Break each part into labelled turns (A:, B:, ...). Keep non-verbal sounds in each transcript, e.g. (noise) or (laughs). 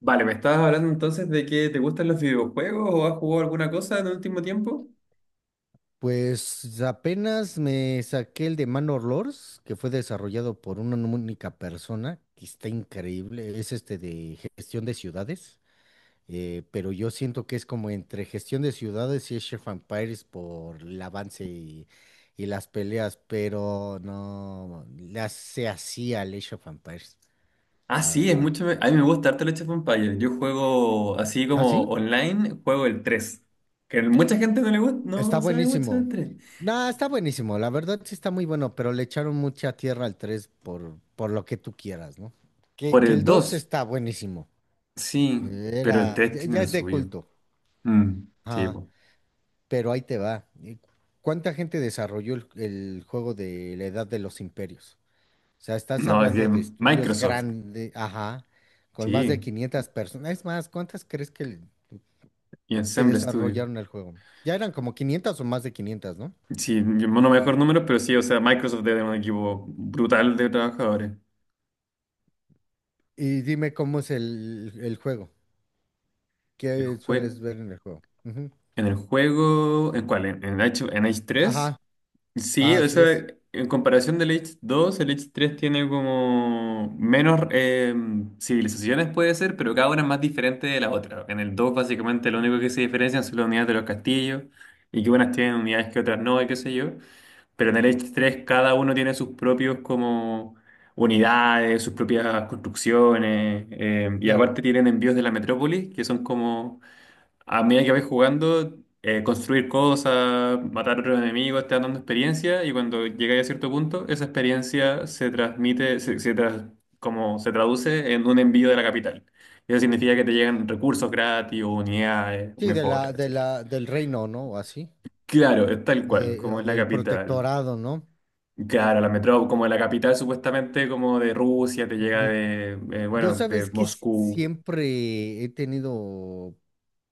A: Vale, me estabas hablando entonces de que te gustan los videojuegos o has jugado alguna cosa en el último tiempo.
B: Pues apenas me saqué el de Manor Lords, que fue desarrollado por una única persona, que está increíble. Es este de gestión de ciudades, pero yo siento que es como entre gestión de ciudades y Age of Empires por el avance y las peleas, pero no las se hacía al Age of Empires,
A: Ah,
B: la
A: sí, es
B: verdad.
A: mucho. A mí me gusta harto el Age of Empires. Yo juego así
B: ¿Ah,
A: como
B: sí?
A: online, juego el tres. Que mucha gente no le gusta,
B: Está
A: no sabe mucho
B: buenísimo.
A: del tres.
B: No, está buenísimo. La verdad sí está muy bueno, pero le echaron mucha tierra al 3 por lo que tú quieras, ¿no? Que,
A: Por
B: que
A: el
B: el 2
A: 2
B: está buenísimo.
A: sí, pero el
B: Era,
A: 3
B: ya,
A: tiene
B: ya
A: lo
B: es de
A: suyo.
B: culto.
A: Mm, sí,
B: Ajá,
A: po.
B: pero ahí te va. ¿Cuánta gente desarrolló el juego de la Edad de los Imperios? O sea, estás
A: No, es de
B: hablando de estudios
A: Microsoft,
B: grandes, ajá, con más de
A: sí,
B: 500 personas. Es más, ¿cuántas crees
A: y
B: que
A: Ensemble Studio.
B: desarrollaron el juego? Ya eran como 500 o más de 500, ¿no?
A: Sí, yo no me acuerdo números, pero sí, o sea, Microsoft debe tener un equipo brutal de trabajadores.
B: Y dime cómo es el juego.
A: El
B: ¿Qué
A: juego.
B: sueles ver en el juego? Ujú.
A: En el juego, ¿en cuál? ¿En Age tres?
B: Ajá, ajá,
A: Sí, o
B: así es.
A: sea, en comparación del Age dos, el Age tres tiene como menos civilizaciones, puede ser, pero cada una es más diferente de la otra. En el 2, básicamente, lo único que
B: Ujú.
A: se diferencian son las unidades de los castillos y que unas tienen unidades que otras no, y qué sé yo. Pero en el Age tres, cada uno tiene sus propios como unidades, sus propias construcciones, y
B: Claro.
A: aparte tienen envíos de la metrópolis, que son como a medida que vais jugando, construir cosas, matar a otros enemigos, te van dando experiencia y cuando llegáis a cierto punto, esa experiencia se transmite, como se traduce en un envío de la capital. Y eso significa que te llegan recursos gratis, unidades,
B: Sí,
A: mejoras, etcétera.
B: del reino, ¿no? O así.
A: Claro, es tal
B: O,
A: cual,
B: de-
A: como
B: o
A: es la
B: del
A: capital.
B: protectorado, ¿no?
A: Claro, la metrópoli, como la capital supuestamente como de Rusia, te llega
B: Ujú.
A: de,
B: Yo
A: bueno, de
B: sabes que
A: Moscú.
B: siempre he tenido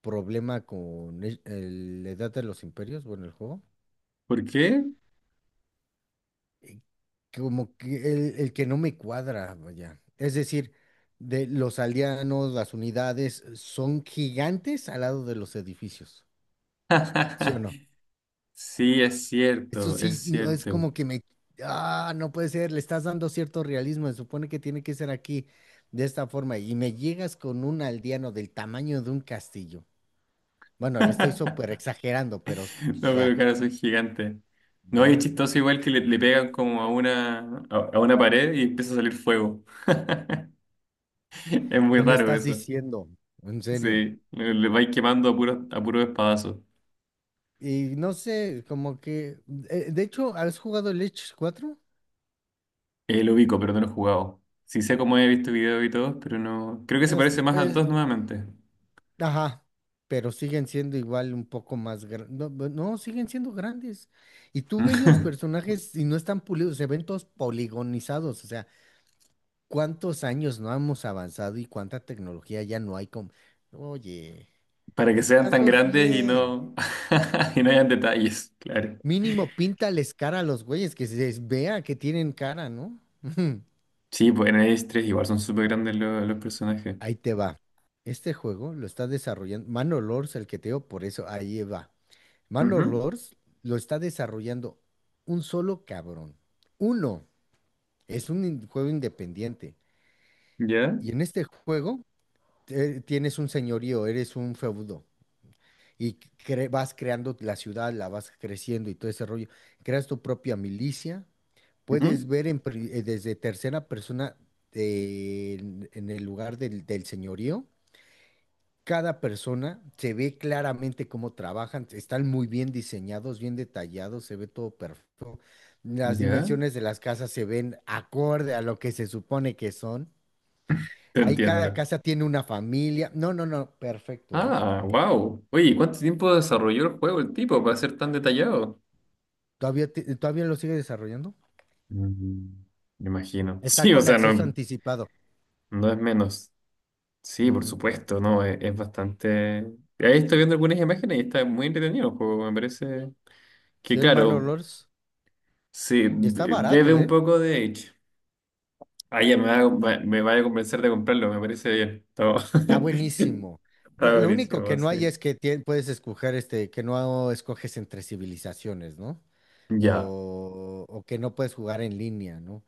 B: problema con la edad de los imperios, bueno, el juego.
A: ¿Por qué?
B: Como que el que no me cuadra, vaya. Es decir, de los aldeanos, las unidades son gigantes al lado de los edificios, ¿sí o no?
A: (laughs) Sí, es
B: Eso
A: cierto,
B: sí,
A: es
B: no, es
A: cierto.
B: como que me... Ah, no puede ser, le estás dando cierto realismo, se supone que tiene que ser aquí de esta forma y me llegas con un aldeano del tamaño de un castillo. Bueno, le estoy súper
A: (laughs)
B: exagerando, pero, o
A: No, pero
B: sea,
A: claro, soy gigante. No, y es
B: no,
A: chistoso igual que le pegan como a una, a una pared y empieza a salir fuego. (laughs) Es muy
B: ¿qué me
A: raro
B: estás
A: eso.
B: diciendo? En
A: Sí,
B: serio.
A: le vais quemando a puros espadazos.
B: Y no sé, como que. Eh, de hecho, ¿has jugado el Edge 4?
A: Lo ubico, pero no lo he jugado. Sí sé cómo he visto videos y todo, pero no. Creo que se
B: Este,
A: parece más al
B: es-
A: 2 nuevamente.
B: ajá, pero siguen siendo igual un poco más grandes. No, no, siguen siendo grandes. Y tú ves los
A: (laughs)
B: personajes y no están pulidos, se ven todos poligonizados. O sea, ¿cuántos años no hemos avanzado y cuánta tecnología ya no hay? Con... Oye,
A: Para que sean tan
B: hazlos
A: grandes y
B: bien.
A: no, (laughs) y no hayan detalles, claro.
B: Mínimo píntales cara a los güeyes, que se les vea que tienen cara, ¿no? (laughs)
A: Sí, pues en el 3 igual son súper grandes los personajes.
B: Ahí te va. Este juego lo está desarrollando Manor Lords, el que te digo, por eso ahí va. Manor
A: Ujú.
B: Lords lo está desarrollando un solo cabrón. Uno, es un juego independiente.
A: ¿Ya?
B: Y en este juego tienes un señorío, eres un feudo. Y vas creando la ciudad, la vas creciendo y todo ese rollo. Creas tu propia milicia. Puedes
A: Ujú.
B: ver en desde tercera persona en el lugar del señorío. Cada persona se ve claramente cómo trabajan, están muy bien diseñados, bien detallados, se ve todo perfecto. Las
A: ¿Ya?
B: dimensiones de las casas se ven acorde a lo que se supone que son.
A: Te
B: Ahí cada
A: entiendo.
B: casa tiene una familia. No, no, no, perfecto, ¿eh?
A: Ah, wow. Oye, ¿cuánto tiempo desarrolló el juego el tipo para ser tan detallado?
B: Todavía, todavía lo sigue desarrollando.
A: Mm, me imagino. (laughs)
B: Está
A: Sí, o
B: con
A: sea,
B: acceso
A: no,
B: anticipado.
A: no es menos. Sí, por
B: Ujú.
A: supuesto, no, es bastante. Ahí estoy viendo algunas imágenes y está muy entretenido el juego. Me parece
B: Sí,
A: que,
B: el
A: claro,
B: Manolors.
A: sí,
B: Y está
A: bebe
B: barato,
A: un
B: ¿eh?
A: poco de Edge. Ah, ya me va, me vaya a convencer de comprarlo, me parece bien. Está,
B: Está buenísimo.
A: (laughs) está
B: Lo único
A: buenísimo,
B: que no hay
A: sí.
B: es que puedes escoger este, que no escoges entre civilizaciones, ¿no?
A: Ya.
B: O, o que no puedes jugar en línea, ¿no?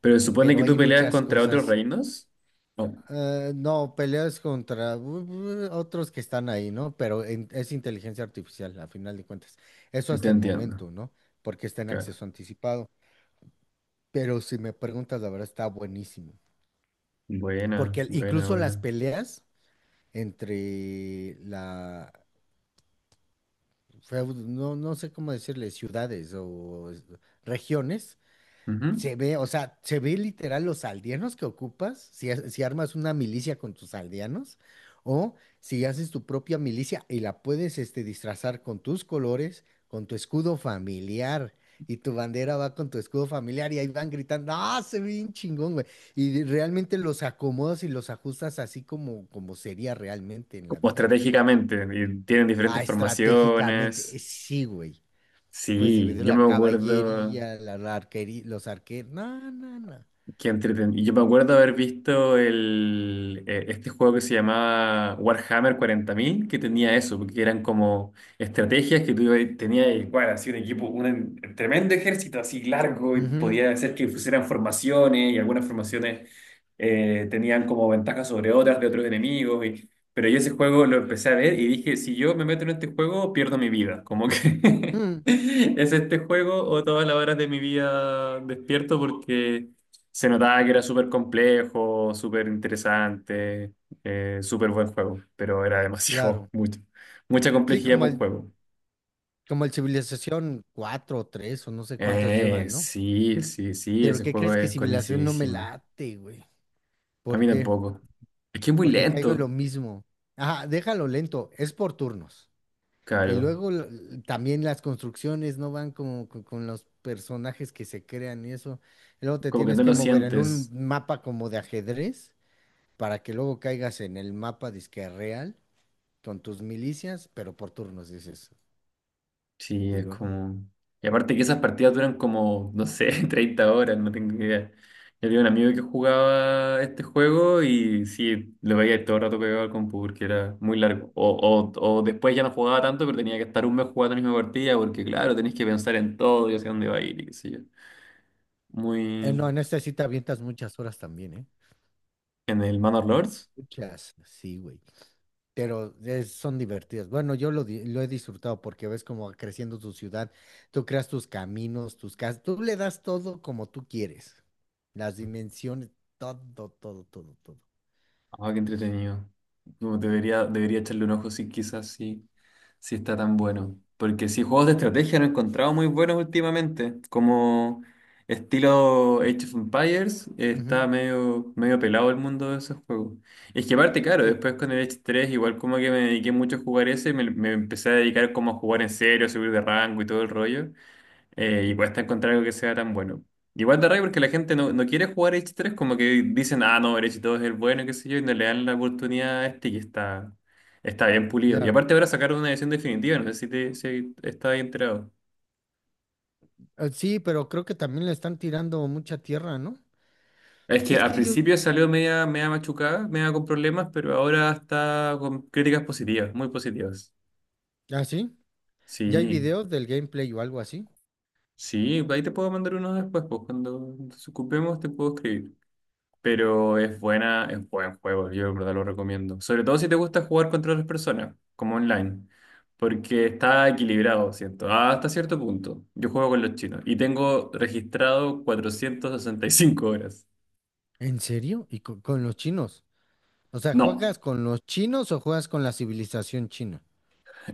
A: Pero supone
B: Pero
A: que tú
B: hay
A: peleas
B: muchas
A: contra otros
B: cosas.
A: reinos. Oh,
B: Eh, no, peleas contra otros que están ahí, ¿no? Pero es inteligencia artificial, a final de cuentas. Eso
A: te
B: hasta el
A: entiendo.
B: momento, ¿no? Porque está en
A: Claro.
B: acceso anticipado. Pero si me preguntas, la verdad está buenísimo.
A: Buena,
B: Porque el-
A: buena,
B: incluso las
A: buena.
B: peleas entre la, no, no sé cómo decirle, ciudades o regiones.
A: Ujú.
B: Se ve, o sea, se ve literal los aldeanos que ocupas, si, si armas una milicia con tus aldeanos, o si haces tu propia milicia y la puedes este, disfrazar con tus colores, con tu escudo familiar, y tu bandera va con tu escudo familiar, y ahí van gritando, ¡ah, se ve bien chingón, güey! Y realmente los acomodas y los ajustas así como, como sería realmente en la
A: Como
B: vida.
A: estratégicamente, y tienen
B: Ah,
A: diferentes
B: estratégicamente,
A: formaciones.
B: sí, güey. Puedes
A: Sí,
B: dividir
A: yo
B: la
A: me acuerdo.
B: caballería, arquería, los arqueros. No, no, no.
A: Qué entretenido. Yo me acuerdo haber visto este juego que se llamaba Warhammer 40,000 que tenía eso, porque eran como estrategias que tenías, igual, así un equipo, un tremendo ejército así largo, y
B: Ujú,
A: podía hacer que pusieran formaciones, y algunas formaciones tenían como ventajas sobre otras de otros enemigos. Pero yo ese juego lo empecé a ver y dije, si yo me meto en este juego, pierdo mi vida. Como que (laughs)
B: mm,
A: es este juego o todas las horas de mi vida despierto porque se notaba que era súper complejo, súper interesante, súper buen juego, pero era demasiado,
B: claro.
A: (laughs) mucho, mucha
B: Sí,
A: complejidad
B: como
A: para un
B: el,
A: juego.
B: como el Civilización 4 o 3 o no sé cuántas
A: Eh,
B: llevan, ¿no?
A: sí, sí, sí,
B: Pero
A: ese
B: ¿qué
A: juego
B: crees que
A: es
B: Civilización no me
A: conocidísimo.
B: late, güey?
A: A mí
B: ¿Por qué?
A: tampoco. Es que es muy
B: Porque caigo en lo
A: lento,
B: mismo. Ajá, déjalo lento, es por turnos. Y
A: claro.
B: luego también las construcciones no van como con los personajes que se crean y eso. Y luego te
A: Como que
B: tienes
A: no
B: que
A: lo
B: mover en un
A: sientes.
B: mapa como de ajedrez para que luego caigas en el mapa disque real con tus milicias, pero por turnos dices.
A: Sí,
B: ¿Y
A: es
B: luego?
A: como. Y aparte que esas partidas duran como, no sé, (laughs) 30 horas, no tengo idea. Yo tenía un amigo que jugaba este juego y sí, lo veía todo el rato pegado al compu porque era muy largo. O después ya no jugaba tanto, pero tenía que estar un mes jugando la misma partida porque, claro, tenés que pensar en todo y hacia dónde va a ir y qué sé yo.
B: No,
A: Muy.
B: en esta sí te avientas muchas horas también, ¿eh?
A: En el Manor Lords.
B: Muchas, sí, güey. Pero son divertidas. Bueno, yo lo he disfrutado porque ves como va creciendo tu ciudad, tú creas tus caminos, tus casas, tú le das todo como tú quieres. Las dimensiones, todo, todo, todo, todo.
A: Ah, qué entretenido. No, debería echarle un ojo si quizás sí, sí está tan
B: Ujú,
A: bueno. Porque sí, juegos de estrategia no he encontrado muy buenos últimamente. Como estilo Age of Empires, está
B: ujú,
A: medio, medio pelado el mundo de esos juegos. Es que aparte, claro,
B: sí,
A: después con el Age tres igual como que me dediqué mucho a jugar ese, me empecé a dedicar como a jugar en serio, a subir de rango y todo el rollo. Y cuesta encontrar algo que sea tan bueno. Igual de rabia porque la gente no quiere jugar H3, como que dicen, ah, no, el H2 es el bueno, qué sé yo, y no le dan la oportunidad a este que está bien pulido. Y
B: claro.
A: aparte ahora sacaron una edición definitiva, no sé si estás enterado.
B: Sí, pero creo que también le están tirando mucha tierra, ¿no?
A: Es que
B: Es
A: al
B: que yo,
A: principio salió media machucada, media con problemas, pero ahora está con críticas positivas, muy positivas.
B: ¿ah, sí? ¿Ya hay
A: Sí,
B: videos del gameplay o algo así?
A: sí, ahí te puedo mandar uno después, pues cuando nos ocupemos te puedo escribir. Pero es buena, es buen juego, yo de verdad lo recomiendo. Sobre todo si te gusta jugar contra otras personas, como online, porque está equilibrado, siento, hasta cierto punto. Yo juego con los chinos y tengo registrado 465 horas.
B: ¿En serio? ¿Y con los chinos? O sea,
A: No,
B: ¿juegas con los chinos o juegas con la civilización china?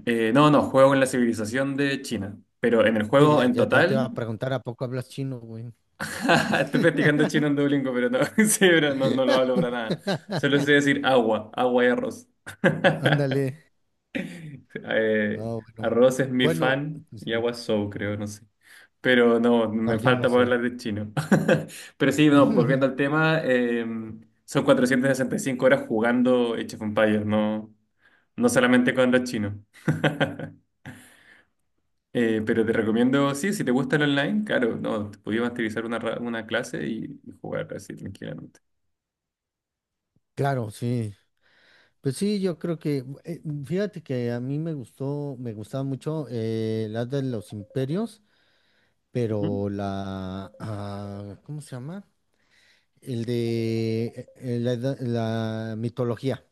A: no, no, juego en la civilización de China, pero en el juego en
B: Ya te va
A: total,
B: a preguntar, ¿a poco hablas chino, güey?
A: (laughs) estoy practicando chino en Duolingo, pero no, (laughs) sí, pero no, lo hablo para nada. Solo sé decir agua, agua y arroz.
B: Ah,
A: (laughs)
B: ándale. Ah,
A: Eh,
B: bueno.
A: Arroz es mi
B: Bueno,
A: fan
B: pues
A: y
B: sí.
A: agua Soul, creo, no sé. Pero no,
B: No,
A: me
B: yo no
A: falta poder
B: sé.
A: hablar de chino. (laughs) Pero sí, no, volviendo al
B: (laughs)
A: tema, son 465 horas jugando Age of Empires, no, no solamente cuando es chino. (laughs) Pero te recomiendo, sí, si te gusta el online, claro, no, te podías masterizar una clase y jugar así tranquilamente.
B: Claro, sí. Pues sí, yo creo que, fíjate que a mí me gustó, me gustaba mucho la de los imperios,
A: Ujú.
B: pero ¿cómo se llama? El de la mitología.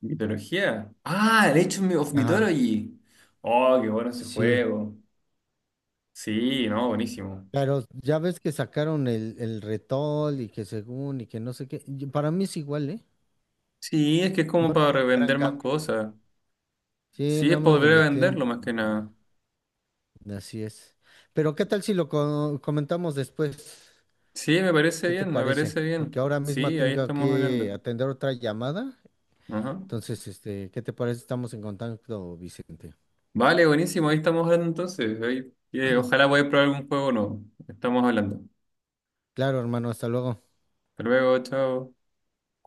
A: Mitología. Ah, el Age of
B: Ajá,
A: Mythology. Oh, qué bueno ese
B: sí.
A: juego. Sí, no, buenísimo.
B: Pero ya ves que sacaron el retol y que según y que no sé qué. Y para mí es igual, ¿eh?
A: Sí, es que es como
B: No le
A: para
B: ve gran
A: revender más
B: cambio.
A: cosas.
B: Sí,
A: Sí, es
B: nada
A: para
B: más le
A: volver a
B: metieron
A: venderlo más que
B: como para.
A: nada.
B: Así es. Pero ¿qué tal si lo comentamos después?
A: Sí, me parece
B: ¿Qué te
A: bien, me
B: parece?
A: parece
B: Porque
A: bien.
B: ahora misma
A: Sí, ahí
B: tengo
A: estamos hablando.
B: que atender otra llamada.
A: Ajá.
B: Entonces, este, ¿qué te parece? Estamos en contacto, Vicente.
A: Vale, buenísimo, ahí estamos hablando entonces. Ojalá podáis probar algún juego nuevo. Estamos hablando.
B: Claro, hermano, hasta luego.
A: Hasta luego, chao.